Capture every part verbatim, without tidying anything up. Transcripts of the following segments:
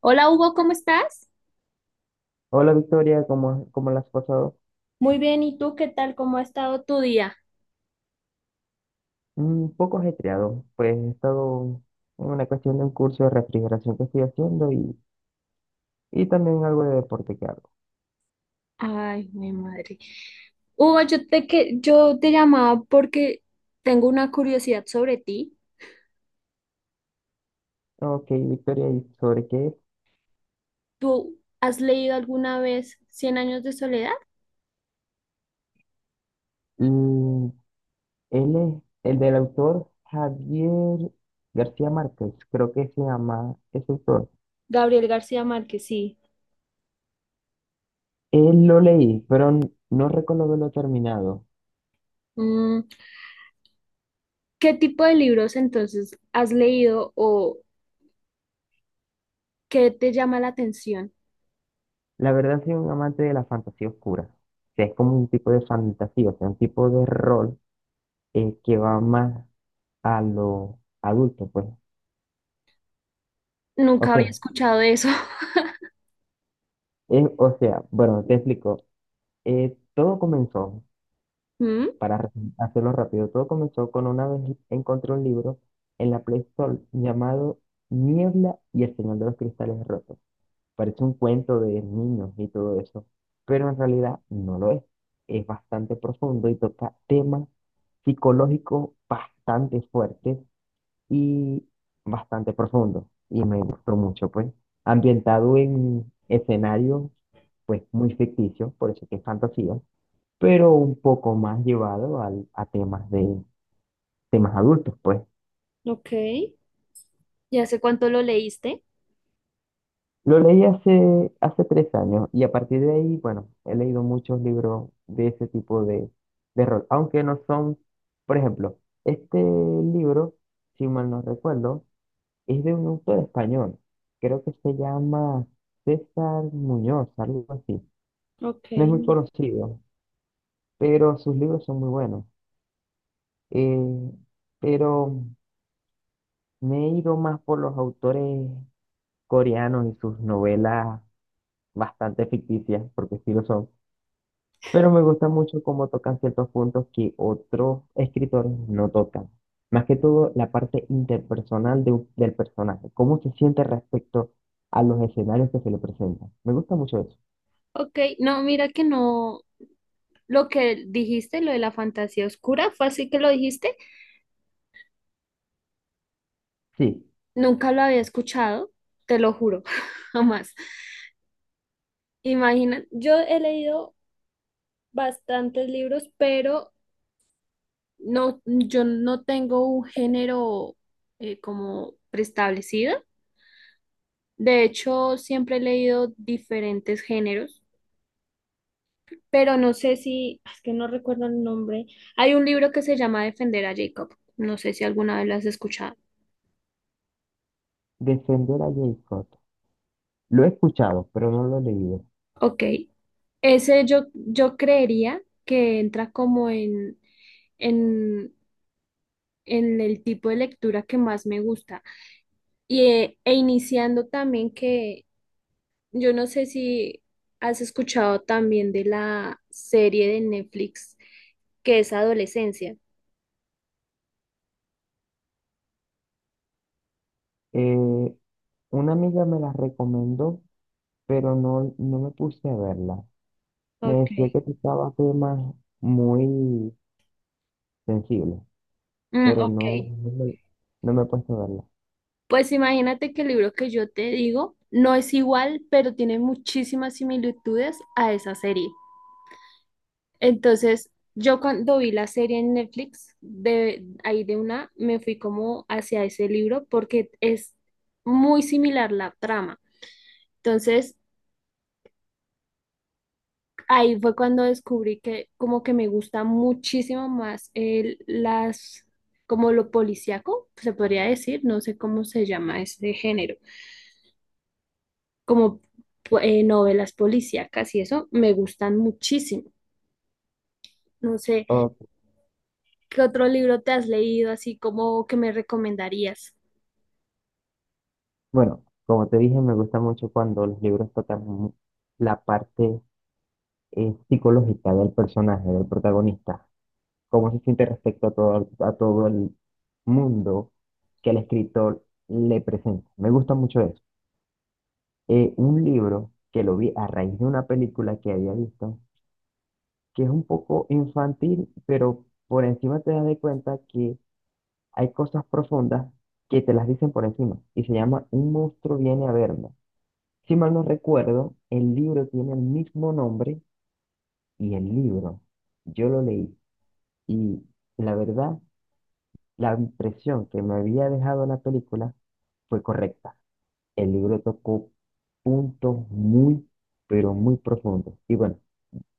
Hola Hugo, ¿cómo estás? Hola Victoria, ¿cómo, cómo la has pasado? Muy bien, ¿y tú qué tal? ¿Cómo ha estado tu día? Mm, Un poco ajetreado, pues he estado en una cuestión de un curso de refrigeración que estoy haciendo y, y también algo de deporte que hago. Ay, mi madre. Hugo, yo te, que, yo te llamaba porque tengo una curiosidad sobre ti. Ok, Victoria, ¿y sobre qué es? ¿Tú has leído alguna vez Cien años de soledad? Mm, Él es el del autor Javier García Márquez, creo que se llama ese autor. Gabriel García Márquez, sí. Él lo leí, pero n- no recuerdo haberlo terminado. Mm, ¿Qué tipo de libros entonces has leído o qué te llama la atención? La verdad soy un amante de la fantasía oscura. O sea, es como un tipo de fantasía, o sea, un tipo de rol eh, que va más a los adultos, pues. O Nunca había sea, escuchado de eso. es, o sea, bueno, te explico. Eh, todo comenzó, Mm, para re- hacerlo rápido, todo comenzó con una vez encontré un libro en la Play Store llamado Niebla y el Señor de los Cristales Rotos. Parece un cuento de niños y todo eso, pero en realidad no lo es. Es bastante profundo y toca temas psicológicos bastante fuertes y bastante profundo y me gustó mucho, pues, ambientado en escenario, pues, muy ficticio, por eso que es fantasía, pero un poco más llevado al- a temas de temas adultos, pues. ok. ¿Ya sé cuánto lo leíste? Lo leí hace, hace tres años y a partir de ahí, bueno, he leído muchos libros de ese tipo de, de rol, aunque no son, por ejemplo, este libro, si mal no recuerdo, es de un autor español. Creo que se llama César Muñoz, algo así. No es muy Ok. conocido, pero sus libros son muy buenos. Eh, pero me he ido más por los autores coreanos y sus novelas bastante ficticias, porque sí lo son. Pero me gusta mucho cómo tocan ciertos puntos que otros escritores no tocan. Más que todo, la parte interpersonal de un- del personaje, cómo se siente respecto a los escenarios que se le presentan. Me gusta mucho eso. Ok, no, mira que no. Lo que dijiste, lo de la fantasía oscura, ¿fue así que lo dijiste? Sí, Nunca lo había escuchado, te lo juro, jamás. Imagina, yo he leído bastantes libros, pero no, yo no tengo un género eh, como preestablecido. De hecho, siempre he leído diferentes géneros, pero no sé si, es que no recuerdo el nombre. Hay un libro que se llama Defender a Jacob. No sé si alguna vez lo has escuchado. defender a J. Scott. Lo he escuchado, pero no lo he leído. Ok, ese yo, yo creería que entra como en, en, en el tipo de lectura que más me gusta. Y, eh, e iniciando también que yo no sé si has escuchado también de la serie de Netflix que es Adolescencia. Eh, una amiga me la recomendó, pero no, no me puse a verla. Me Ok. decía que tocaba temas muy sensibles, Mm, pero ok. no, no me, no me he puesto a verla. Pues imagínate que el libro que yo te digo no es igual, pero tiene muchísimas similitudes a esa serie. Entonces, yo cuando vi la serie en Netflix, de ahí de una, me fui como hacia ese libro porque es muy similar la trama. Entonces, ahí fue cuando descubrí que como que me gusta muchísimo más el, las, como lo policíaco, se podría decir, no sé cómo se llama ese género, como pu- eh, novelas policíacas y eso, me gustan muchísimo. No sé, ¿qué otro libro te has leído así como que me recomendarías? Bueno, como te dije, me gusta mucho cuando los libros tocan mu- la parte eh, psicológica del personaje, del protagonista, cómo se siente respecto a todo, a todo el mundo que el escritor le presenta. Me gusta mucho eso. Eh, un libro que lo vi a raíz de una película que había visto, que es un poco infantil, pero por encima te das de cuenta que hay cosas profundas que te las dicen por encima, y se llama Un monstruo viene a verme. Si mal no recuerdo, el libro tiene el mismo nombre y el libro. Yo lo leí y la verdad, la impresión que me había dejado la película fue correcta. El libro tocó puntos muy, pero muy profundos. Y bueno,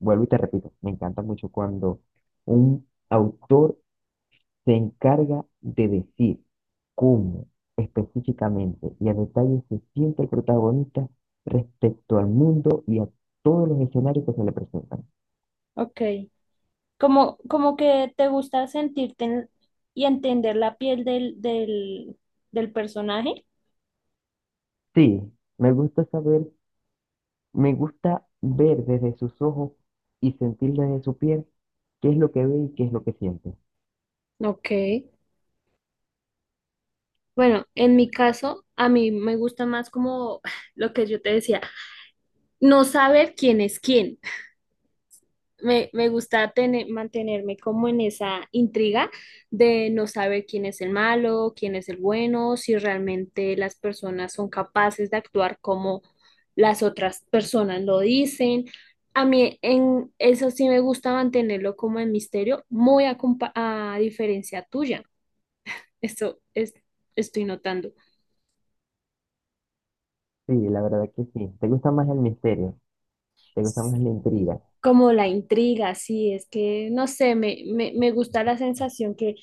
vuelvo y te repito, me encanta mucho cuando un autor se encarga de decir cómo específicamente y a detalle se siente el protagonista respecto al mundo y a todos los escenarios que se le presentan. Ok, como, como que te gusta sentirte en- y entender la piel del, del, del personaje. Sí, me gusta saber, me gusta ver desde sus ojos y sentir desde su piel qué es lo que ve y qué es lo que siente. Ok. Bueno, en mi caso, a mí me gusta más como lo que yo te decía, no saber quién es quién. me, me gusta tener, mantenerme como en esa intriga de no saber quién es el malo, quién es el bueno, si realmente las personas son capaces de actuar como las otras personas lo dicen. A mí en eso sí me gusta mantenerlo como en misterio, muy a, compa- a diferencia tuya. Esto es, Estoy notando. Sí, la verdad que sí. Te gusta más el misterio, te gusta más la intriga. Como la intriga, sí, es que no sé, me, me, me gusta la sensación que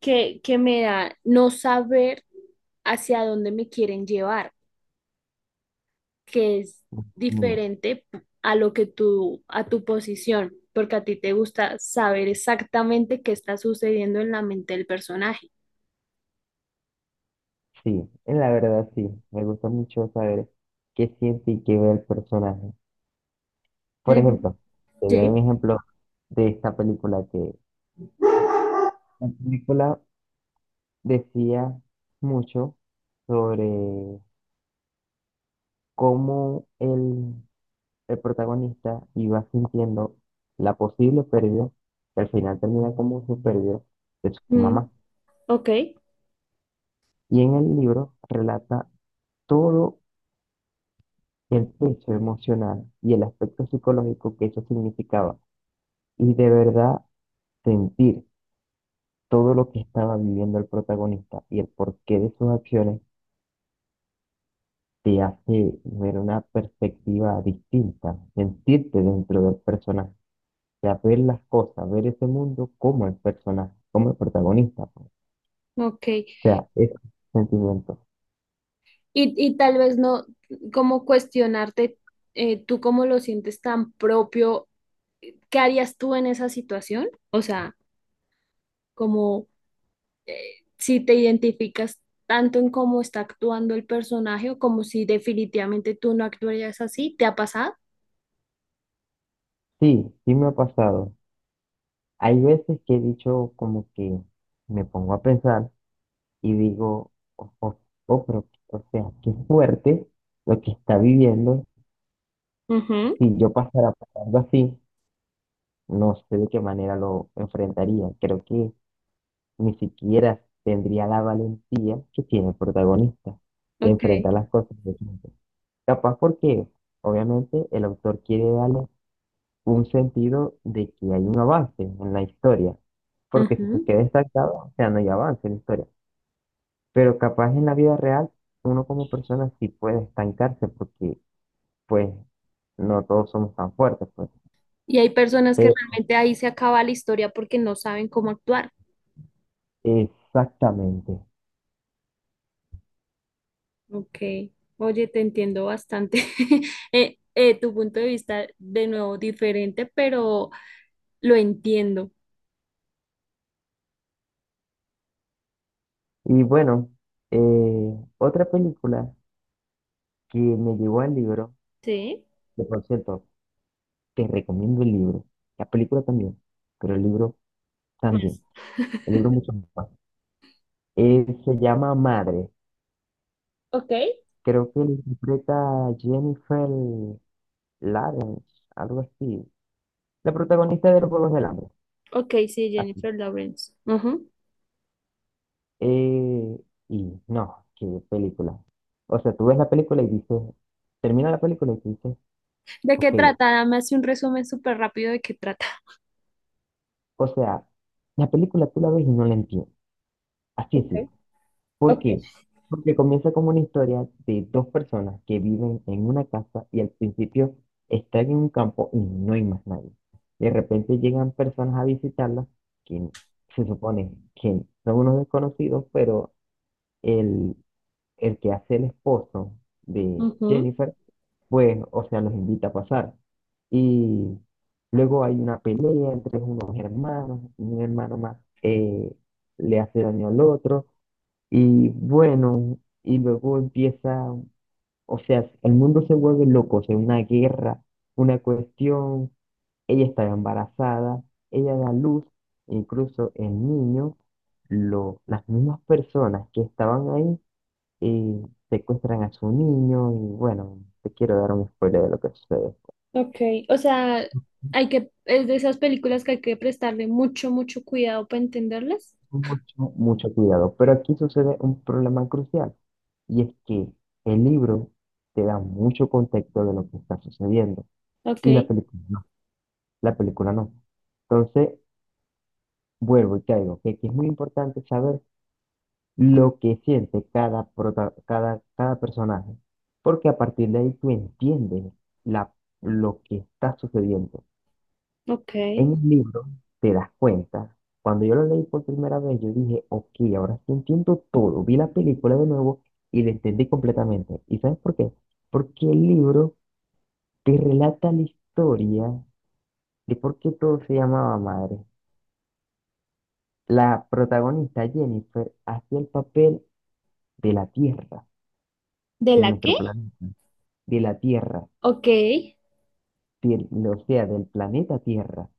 que, que me da no saber hacia dónde me quieren llevar, que es Mm, diferente a lo que tú, a tu posición, porque a ti te gusta saber exactamente qué está sucediendo en la mente del personaje. sí, la verdad sí. Me gusta mucho saber qué siente y qué ve el personaje. Por Eh, ejemplo, te voy a dar un Sí, ejemplo de esta película que la película decía mucho sobre cómo el, el protagonista iba sintiendo la posible pérdida, que al final termina como su pérdida de su mm, mamá. ok, Y en el libro relata todo el peso emocional y el aspecto psicológico que eso significaba y de verdad sentir todo lo que estaba viviendo el protagonista y el porqué de sus acciones te hace ver una perspectiva distinta, sentirte dentro del personaje, o sea, ver las cosas, ver ese mundo como el personaje, como el protagonista, pues. ok. Y, O sea, ese sentimiento. Y tal vez no, como cuestionarte, eh, tú cómo lo sientes tan propio, ¿qué harías tú en esa situación? O sea, como... si te identificas tanto en cómo está actuando el personaje o como si definitivamente tú no actuarías así, ¿te ha pasado? Sí, sí me ha pasado. Hay veces que he dicho como que me pongo a pensar y digo, oh, oh, oh, pero, o sea, qué fuerte lo que está viviendo. Ujú, Si yo pasara por algo así, no sé de qué manera lo enfrentaría. Creo que ni siquiera tendría la valentía que tiene el protagonista de ok. enfrentar las cosas de frente. Capaz porque, obviamente, el autor quiere darle un sentido de que hay un avance en la historia, porque si se Ujú. queda estancado, o sea, no hay avance en la historia. Pero capaz en la vida real, uno como persona sí puede estancarse porque, pues, no todos somos tan fuertes, pues. Y hay personas que Pero, realmente ahí se acaba la historia porque no saben cómo actuar. exactamente. Ok, oye, te entiendo bastante. Eh, eh, tu punto de vista, de nuevo, diferente, pero lo entiendo. Y bueno, eh, otra película que me llevó al libro. Sí, Que por cierto, te recomiendo el libro. La película también, pero el libro más. también. El libro mucho más. Eh, se llama Madre. Ok, Creo que lo interpreta Jennifer Lawrence, algo así. La protagonista de los Juegos del Hambre. ok, sí, Así. Jennifer Lawrence. Ujú. Eh, y no, qué película. O sea, tú ves la película y dices, termina la película y tú dices, ¿De qué ok. trata? Dame así un resumen súper rápido de qué trata. O sea, la película tú la ves y no la entiendes. Así es. Ok, ¿Por ok, qué? Porque comienza como una historia de dos personas que viven en una casa y al principio están en un campo y no hay más nadie. De repente llegan personas a visitarlas que se supone que son unos desconocidos, pero el, el que hace el esposo de ujú. Jennifer, pues, o sea, los invita a pasar. Y luego hay una pelea entre unos hermanos, un hermano más eh, le hace daño al otro. Y bueno, y luego empieza, o sea, el mundo se vuelve loco, o sea, una guerra, una cuestión, ella está embarazada, ella da luz, incluso el niño, lo, las mismas personas que estaban ahí eh, secuestran a su niño y bueno, te quiero dar un spoiler de lo que sucede. Ok, o sea, hay que, es de esas películas que hay que prestarle mucho, mucho cuidado para entenderlas. Mucho, mucho cuidado, pero aquí sucede un problema crucial y es que el libro te da mucho contexto de lo que está sucediendo. Y la Ok, película no, la película no. Entonces, vuelvo y caigo, que aquí es muy importante saber lo que siente cada, prota- cada, cada personaje, porque a partir de ahí tú entiendes la, lo que está sucediendo. ok. En el libro te das cuenta, cuando yo lo leí por primera vez, yo dije, ok, ahora sí entiendo todo. Vi la película de nuevo y la entendí completamente. ¿Y sabes por qué? Porque el libro te relata la historia de por qué todo se llamaba madre. La protagonista Jennifer hacía el papel de la Tierra, ¿De de la qué? nuestro planeta, de la Tierra, Ok, del- o sea, del planeta Tierra.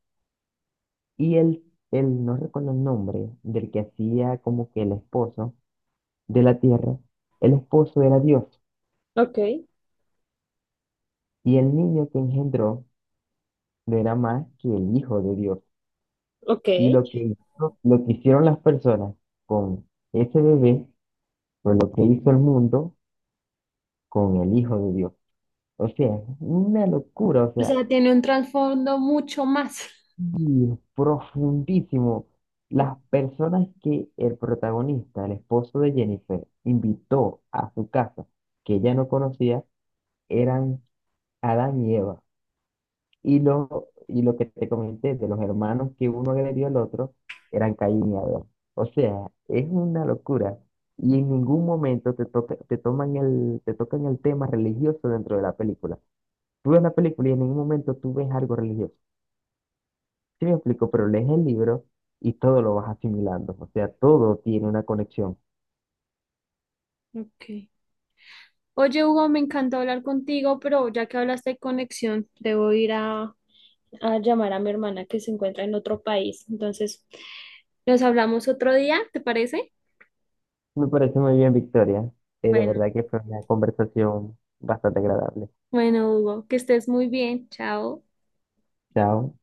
Y él, él, no recuerdo el nombre del que hacía como que el esposo de la Tierra, el esposo era Dios. ok, Y el niño que engendró no era más que el hijo de Dios. ok. Y lo que hizo- lo que hicieron las personas con ese bebé fue lo que hizo el mundo con el hijo de Dios. O sea, es una locura, o O sea. sea, tiene un trasfondo mucho más. Y profundísimo. O- Las personas que el protagonista, el esposo de Jennifer, invitó a su casa, que ella no conocía, eran Adán y Eva. Y lo, y lo que te comenté de los hermanos que uno agredió al otro, eran Caín y Abel. O sea, es una locura. Y en ningún momento te toca, te toman el, te tocan el tema religioso dentro de la película. Tú ves la película y en ningún momento tú ves algo religioso. Sí me explico, pero lees el libro y todo lo vas asimilando, o sea, todo tiene una conexión. ok. Oye, Hugo, me encantó hablar contigo, pero ya que hablaste de conexión, debo ir a a llamar a mi hermana que se encuentra en otro país. Entonces, nos hablamos otro día, ¿te parece? Me parece muy bien, Victoria. Eh, de Bueno, verdad que fue una conversación bastante agradable. bueno, Hugo, que estés muy bien. Chao. Chao.